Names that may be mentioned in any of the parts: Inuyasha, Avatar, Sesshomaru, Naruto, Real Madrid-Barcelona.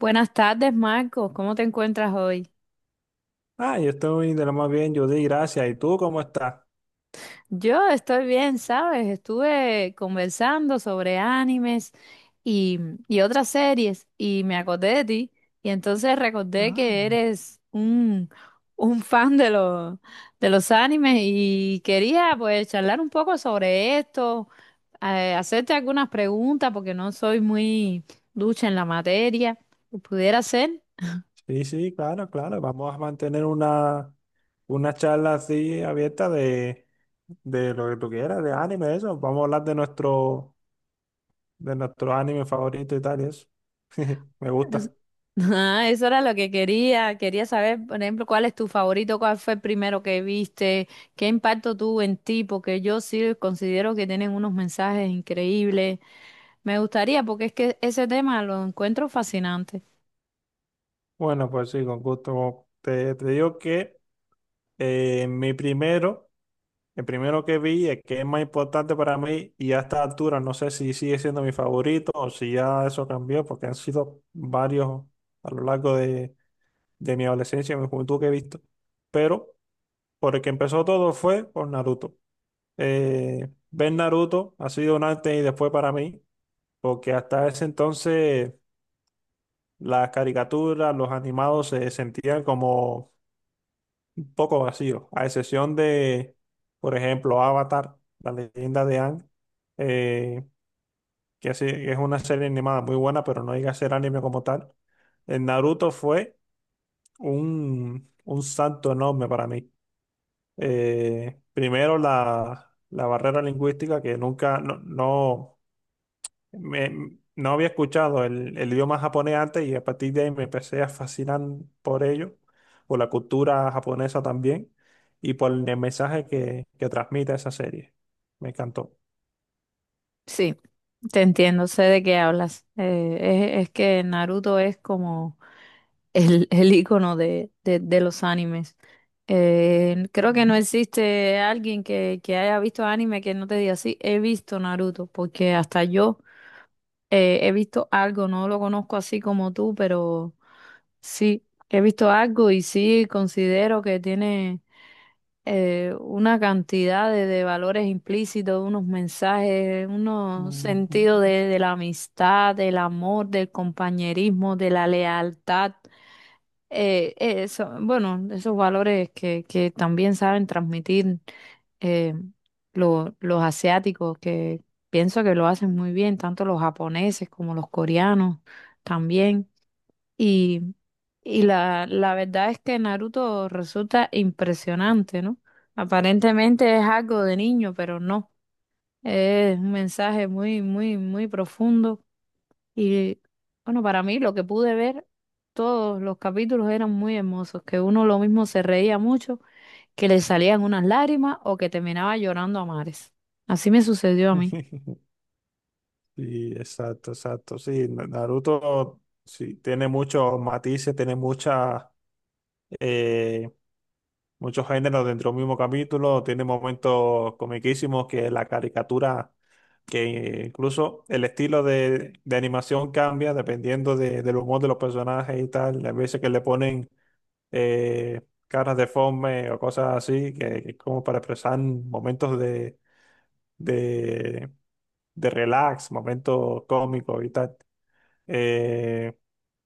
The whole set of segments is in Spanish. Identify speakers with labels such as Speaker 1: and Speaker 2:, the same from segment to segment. Speaker 1: Buenas tardes, Marcos. ¿Cómo te encuentras hoy?
Speaker 2: Yo estoy de lo más bien, yo di gracias. ¿Y tú cómo estás?
Speaker 1: Yo estoy bien, ¿sabes? Estuve conversando sobre animes y, y otras series y me acordé de ti y entonces recordé que
Speaker 2: Ah,
Speaker 1: eres un fan de de los animes y quería pues charlar un poco sobre esto, hacerte algunas preguntas porque no soy muy ducha en la materia. ¿Pudiera ser?
Speaker 2: sí, sí, claro, claro. Vamos a mantener una charla así abierta de lo que tú quieras, de anime, eso. Vamos a hablar de de nuestro anime favorito y tal, y eso. Me
Speaker 1: Es-
Speaker 2: gusta.
Speaker 1: Ah, eso era lo que quería. Quería saber, por ejemplo, cuál es tu favorito, cuál fue el primero que viste, qué impacto tuvo en ti, porque yo sí considero que tienen unos mensajes increíbles. Me gustaría, porque es que ese tema lo encuentro fascinante.
Speaker 2: Bueno, pues sí, con gusto. Te digo que mi primero. El primero que vi, el que es más importante para mí, y a esta altura no sé si sigue siendo mi favorito o si ya eso cambió, porque han sido varios a lo largo de mi adolescencia y mi juventud que he visto. Pero por el que empezó todo fue por Naruto. Ver Naruto ha sido un antes y después para mí, porque hasta ese entonces las caricaturas, los animados se sentían como un poco vacío, a excepción por ejemplo, Avatar, la leyenda de Aang, eh, que sí, que es una serie animada muy buena, pero no llega a ser anime como tal. En Naruto fue un salto enorme para mí. Primero la barrera lingüística, que nunca, no, no había escuchado el idioma japonés antes, y a partir de ahí me empecé a fascinar por ello, por la cultura japonesa también y por el mensaje que transmite esa serie. Me encantó.
Speaker 1: Sí, te entiendo, sé de qué hablas. Es que Naruto es como el icono de los animes. Creo que
Speaker 2: Mm,
Speaker 1: no existe alguien que haya visto anime que no te diga, sí, he visto Naruto, porque hasta yo he visto algo, no lo conozco así como tú, pero sí, he visto algo y sí considero que tiene una cantidad de valores implícitos, unos mensajes, unos
Speaker 2: ujú.
Speaker 1: sentidos de la amistad, del amor, del compañerismo, de la lealtad. Eso, bueno, esos valores que también saben transmitir, eh, los asiáticos, que pienso que lo hacen muy bien, tanto los japoneses como los coreanos también. Y, y la verdad es que Naruto resulta impresionante, ¿no? Aparentemente es algo de niño, pero no. Es un mensaje muy, muy, muy profundo y bueno, para mí lo que pude ver, todos los capítulos eran muy hermosos, que uno lo mismo se reía mucho, que le salían unas lágrimas o que terminaba llorando a mares. Así me sucedió a mí.
Speaker 2: Sí, exacto, exacto. Sí, Naruto sí, tiene muchos matices, tiene muchas eh, muchos géneros dentro del mismo capítulo, tiene momentos comiquísimos que la caricatura, que incluso el estilo de animación cambia dependiendo del humor de los personajes y tal. Las veces que le ponen eh, caras deformes o cosas así, que es como para expresar momentos de, de relax, momentos cómicos y tal. Eh,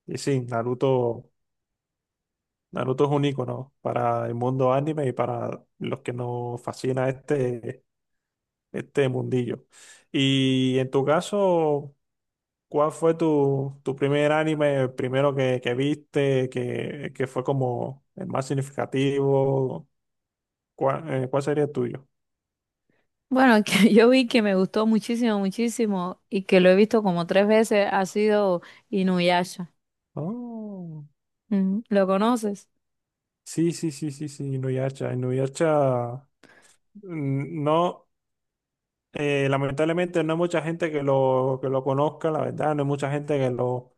Speaker 2: y sí, Naruto. Naruto es un icono para el mundo anime y para los que nos fascina este mundillo. Y en tu caso, ¿cuál fue tu primer anime, el primero que viste, que fue como el más significativo? ¿Cuál, cuál sería el tuyo?
Speaker 1: Bueno, que yo vi que me gustó muchísimo, muchísimo y que lo he visto como 3 veces ha sido Inuyasha.
Speaker 2: Oh,
Speaker 1: Mm, ¿lo conoces?
Speaker 2: sí, sí, sí, sí, sí, Inuyasha. Inuyasha, mm, no, lamentablemente no hay mucha gente que lo conozca, la verdad, no hay mucha gente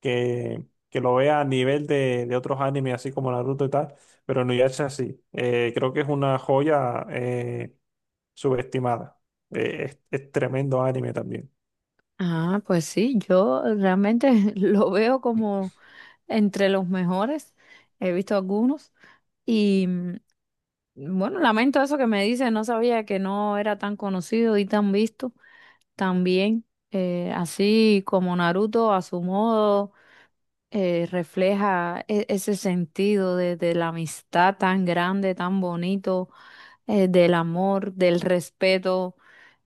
Speaker 2: que, que lo vea a nivel de otros animes, así como Naruto y tal, pero no es así. Creo que es una joya subestimada. Es tremendo anime también.
Speaker 1: Ah, pues sí, yo realmente lo veo como entre los mejores. He visto algunos. Y bueno, lamento eso que me dice, no sabía que no era tan conocido y tan visto. También, así como Naruto a su modo refleja ese sentido de la amistad tan grande, tan bonito, del amor, del respeto.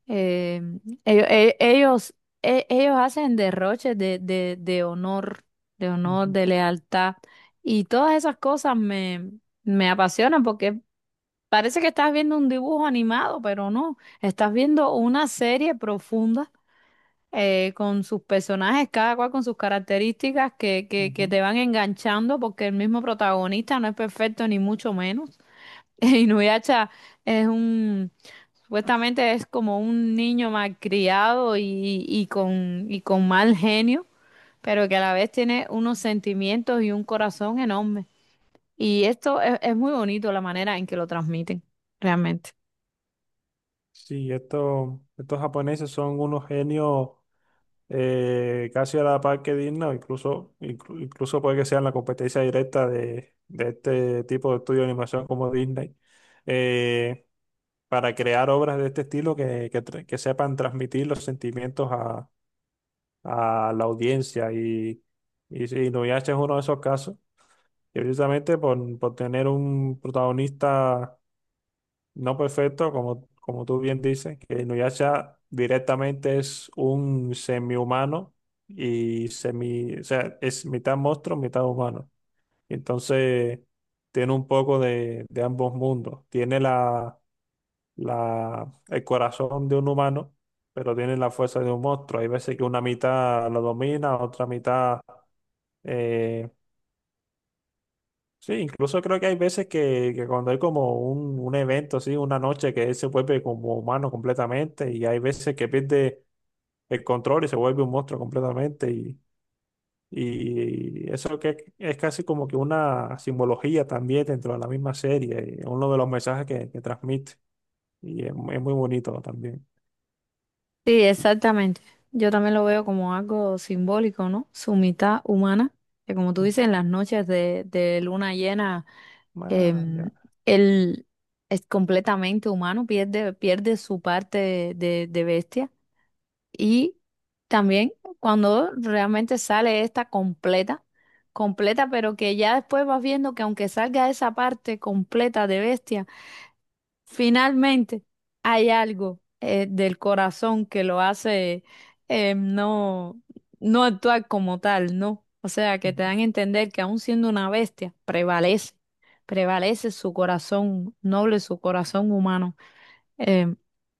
Speaker 1: eh, ello- e- ellos, Ellos hacen derroches de honor, de honor,
Speaker 2: Ujú,
Speaker 1: de lealtad. Y todas esas cosas me, me apasionan porque parece que estás viendo un dibujo animado, pero no. Estás viendo una serie profunda, con sus personajes, cada cual con sus características que, que
Speaker 2: ujú.
Speaker 1: te van enganchando porque el mismo protagonista no es perfecto ni mucho menos. Inuyasha es un, supuestamente es como un niño malcriado y con mal genio, pero que a la vez tiene unos sentimientos y un corazón enorme. Y esto es muy bonito la manera en que lo transmiten, realmente.
Speaker 2: Sí, estos japoneses son unos genios casi a la par que dignos, incluso, incluso puede que sean la competencia directa de este tipo de estudio de animación como Disney. Eh, para crear obras de este estilo que sepan transmitir los sentimientos a la audiencia. Y, sí, Inuyasha es uno de esos casos, que precisamente por tener un protagonista no perfecto, como, como tú bien dices, que Inuyasha directamente es un semihumano y semi, o sea, es mitad monstruo, mitad humano. Entonces, tiene un poco de ambos mundos. Tiene el corazón de un humano, pero tiene la fuerza de un monstruo. Hay veces que una mitad lo domina, otra mitad eh, sí, incluso creo que hay veces que cuando hay como un evento, así, una noche que él se vuelve como humano completamente, y hay veces que pierde el control y se vuelve un monstruo completamente. Y eso que es casi como que una simbología también dentro de la misma serie, y uno de los mensajes que transmite. Y es, es muy bonito también.
Speaker 1: Sí, exactamente. Yo también lo veo como algo simbólico, ¿no? Su mitad humana, que como tú
Speaker 2: Ujú.
Speaker 1: dices, en las noches de luna llena,
Speaker 2: Ah,
Speaker 1: em,
Speaker 2: ya.
Speaker 1: él es completamente humano, pierde su parte de bestia. Y también cuando realmente sale esta completa, pero que ya después vas viendo que aunque salga esa parte completa de bestia, finalmente, hay algo, del corazón que lo hace eh, no, no actuar como tal, ¿no? O sea, que te
Speaker 2: Ujú.
Speaker 1: dan a entender que aun siendo una bestia, prevalece su corazón noble, su corazón humano. Eh,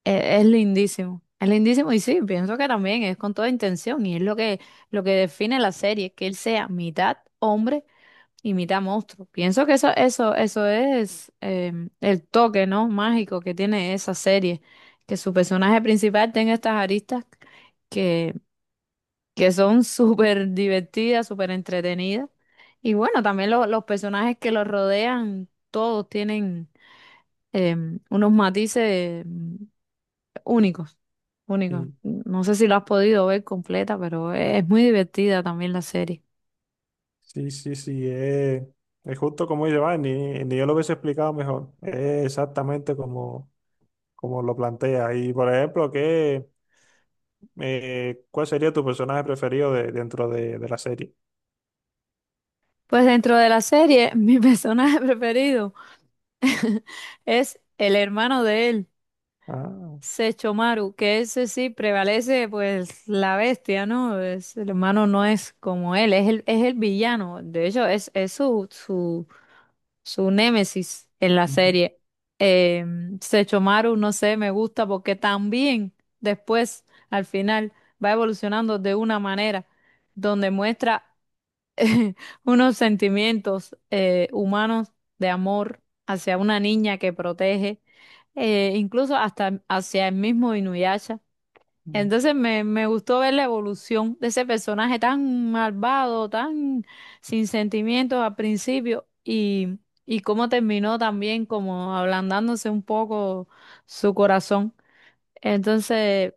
Speaker 1: es lindísimo, es lindísimo y sí, pienso que también es con toda intención y es lo que define la serie, que él sea mitad hombre, Imita monstruos. Pienso que eso, eso es, el toque, ¿no? Mágico que tiene esa serie. Que su personaje principal tenga estas aristas que, que son súper divertidas, súper entretenidas. Y bueno, también los personajes que los rodean, todos tienen, unos matices, únicos, únicos.
Speaker 2: Sí,
Speaker 1: No sé si lo has podido ver completa, pero es muy divertida también la serie.
Speaker 2: sí, sí, sí, es justo como dice, va, ni, ni yo lo hubiese explicado mejor, es exactamente como, como lo plantea. Y por ejemplo, ¿qué, cuál sería tu personaje preferido dentro de la serie?
Speaker 1: Pues dentro de la serie, mi personaje preferido es el hermano de él,
Speaker 2: Ah,
Speaker 1: Sechomaru, que ese sí prevalece, pues la bestia, ¿no? Es, el hermano no es como él, es el villano. De hecho, es, su némesis en la
Speaker 2: ujú,
Speaker 1: serie. Eh, Sechomaru, no sé, me gusta porque también después, al final, va evolucionando de una manera donde muestra unos sentimientos, humanos de amor hacia una niña que protege, incluso hasta hacia el mismo Inuyasha.
Speaker 2: ujú,
Speaker 1: Entonces me gustó ver la evolución de ese personaje tan malvado, tan sin sentimientos al principio y cómo terminó también como ablandándose un poco su corazón. Entonces...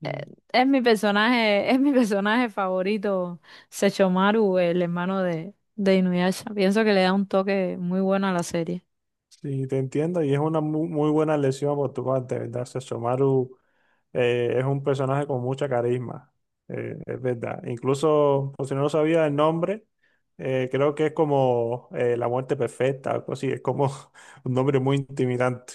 Speaker 2: sí.
Speaker 1: Es mi personaje favorito, Sechomaru, el hermano de Inuyasha. Pienso que le da un toque muy bueno a la serie.
Speaker 2: Sí, te entiendo, y es una muy buena elección por tu parte, ¿verdad? Sesshomaru es un personaje con mucha carisma, es verdad. Incluso, por si no lo sabía el nombre, creo que es como la muerte perfecta, algo así, es como un nombre muy intimidante.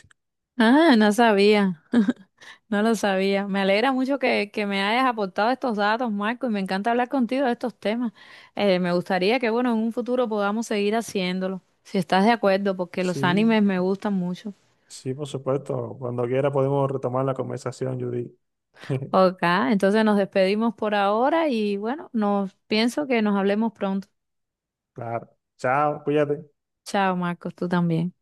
Speaker 1: Ah, no sabía, no lo sabía. Me alegra mucho que me hayas aportado estos datos, Marco, y me encanta hablar contigo de estos temas. Me gustaría que, bueno, en un futuro podamos seguir haciéndolo, si estás de acuerdo, porque los
Speaker 2: Sí,
Speaker 1: animes me gustan mucho.
Speaker 2: sí, por supuesto. Cuando quiera podemos retomar la conversación, Judy.
Speaker 1: Ok, entonces nos despedimos por ahora y bueno, nos pienso que nos hablemos pronto.
Speaker 2: Claro. Chao, cuídate.
Speaker 1: Chao, Marcos, tú también.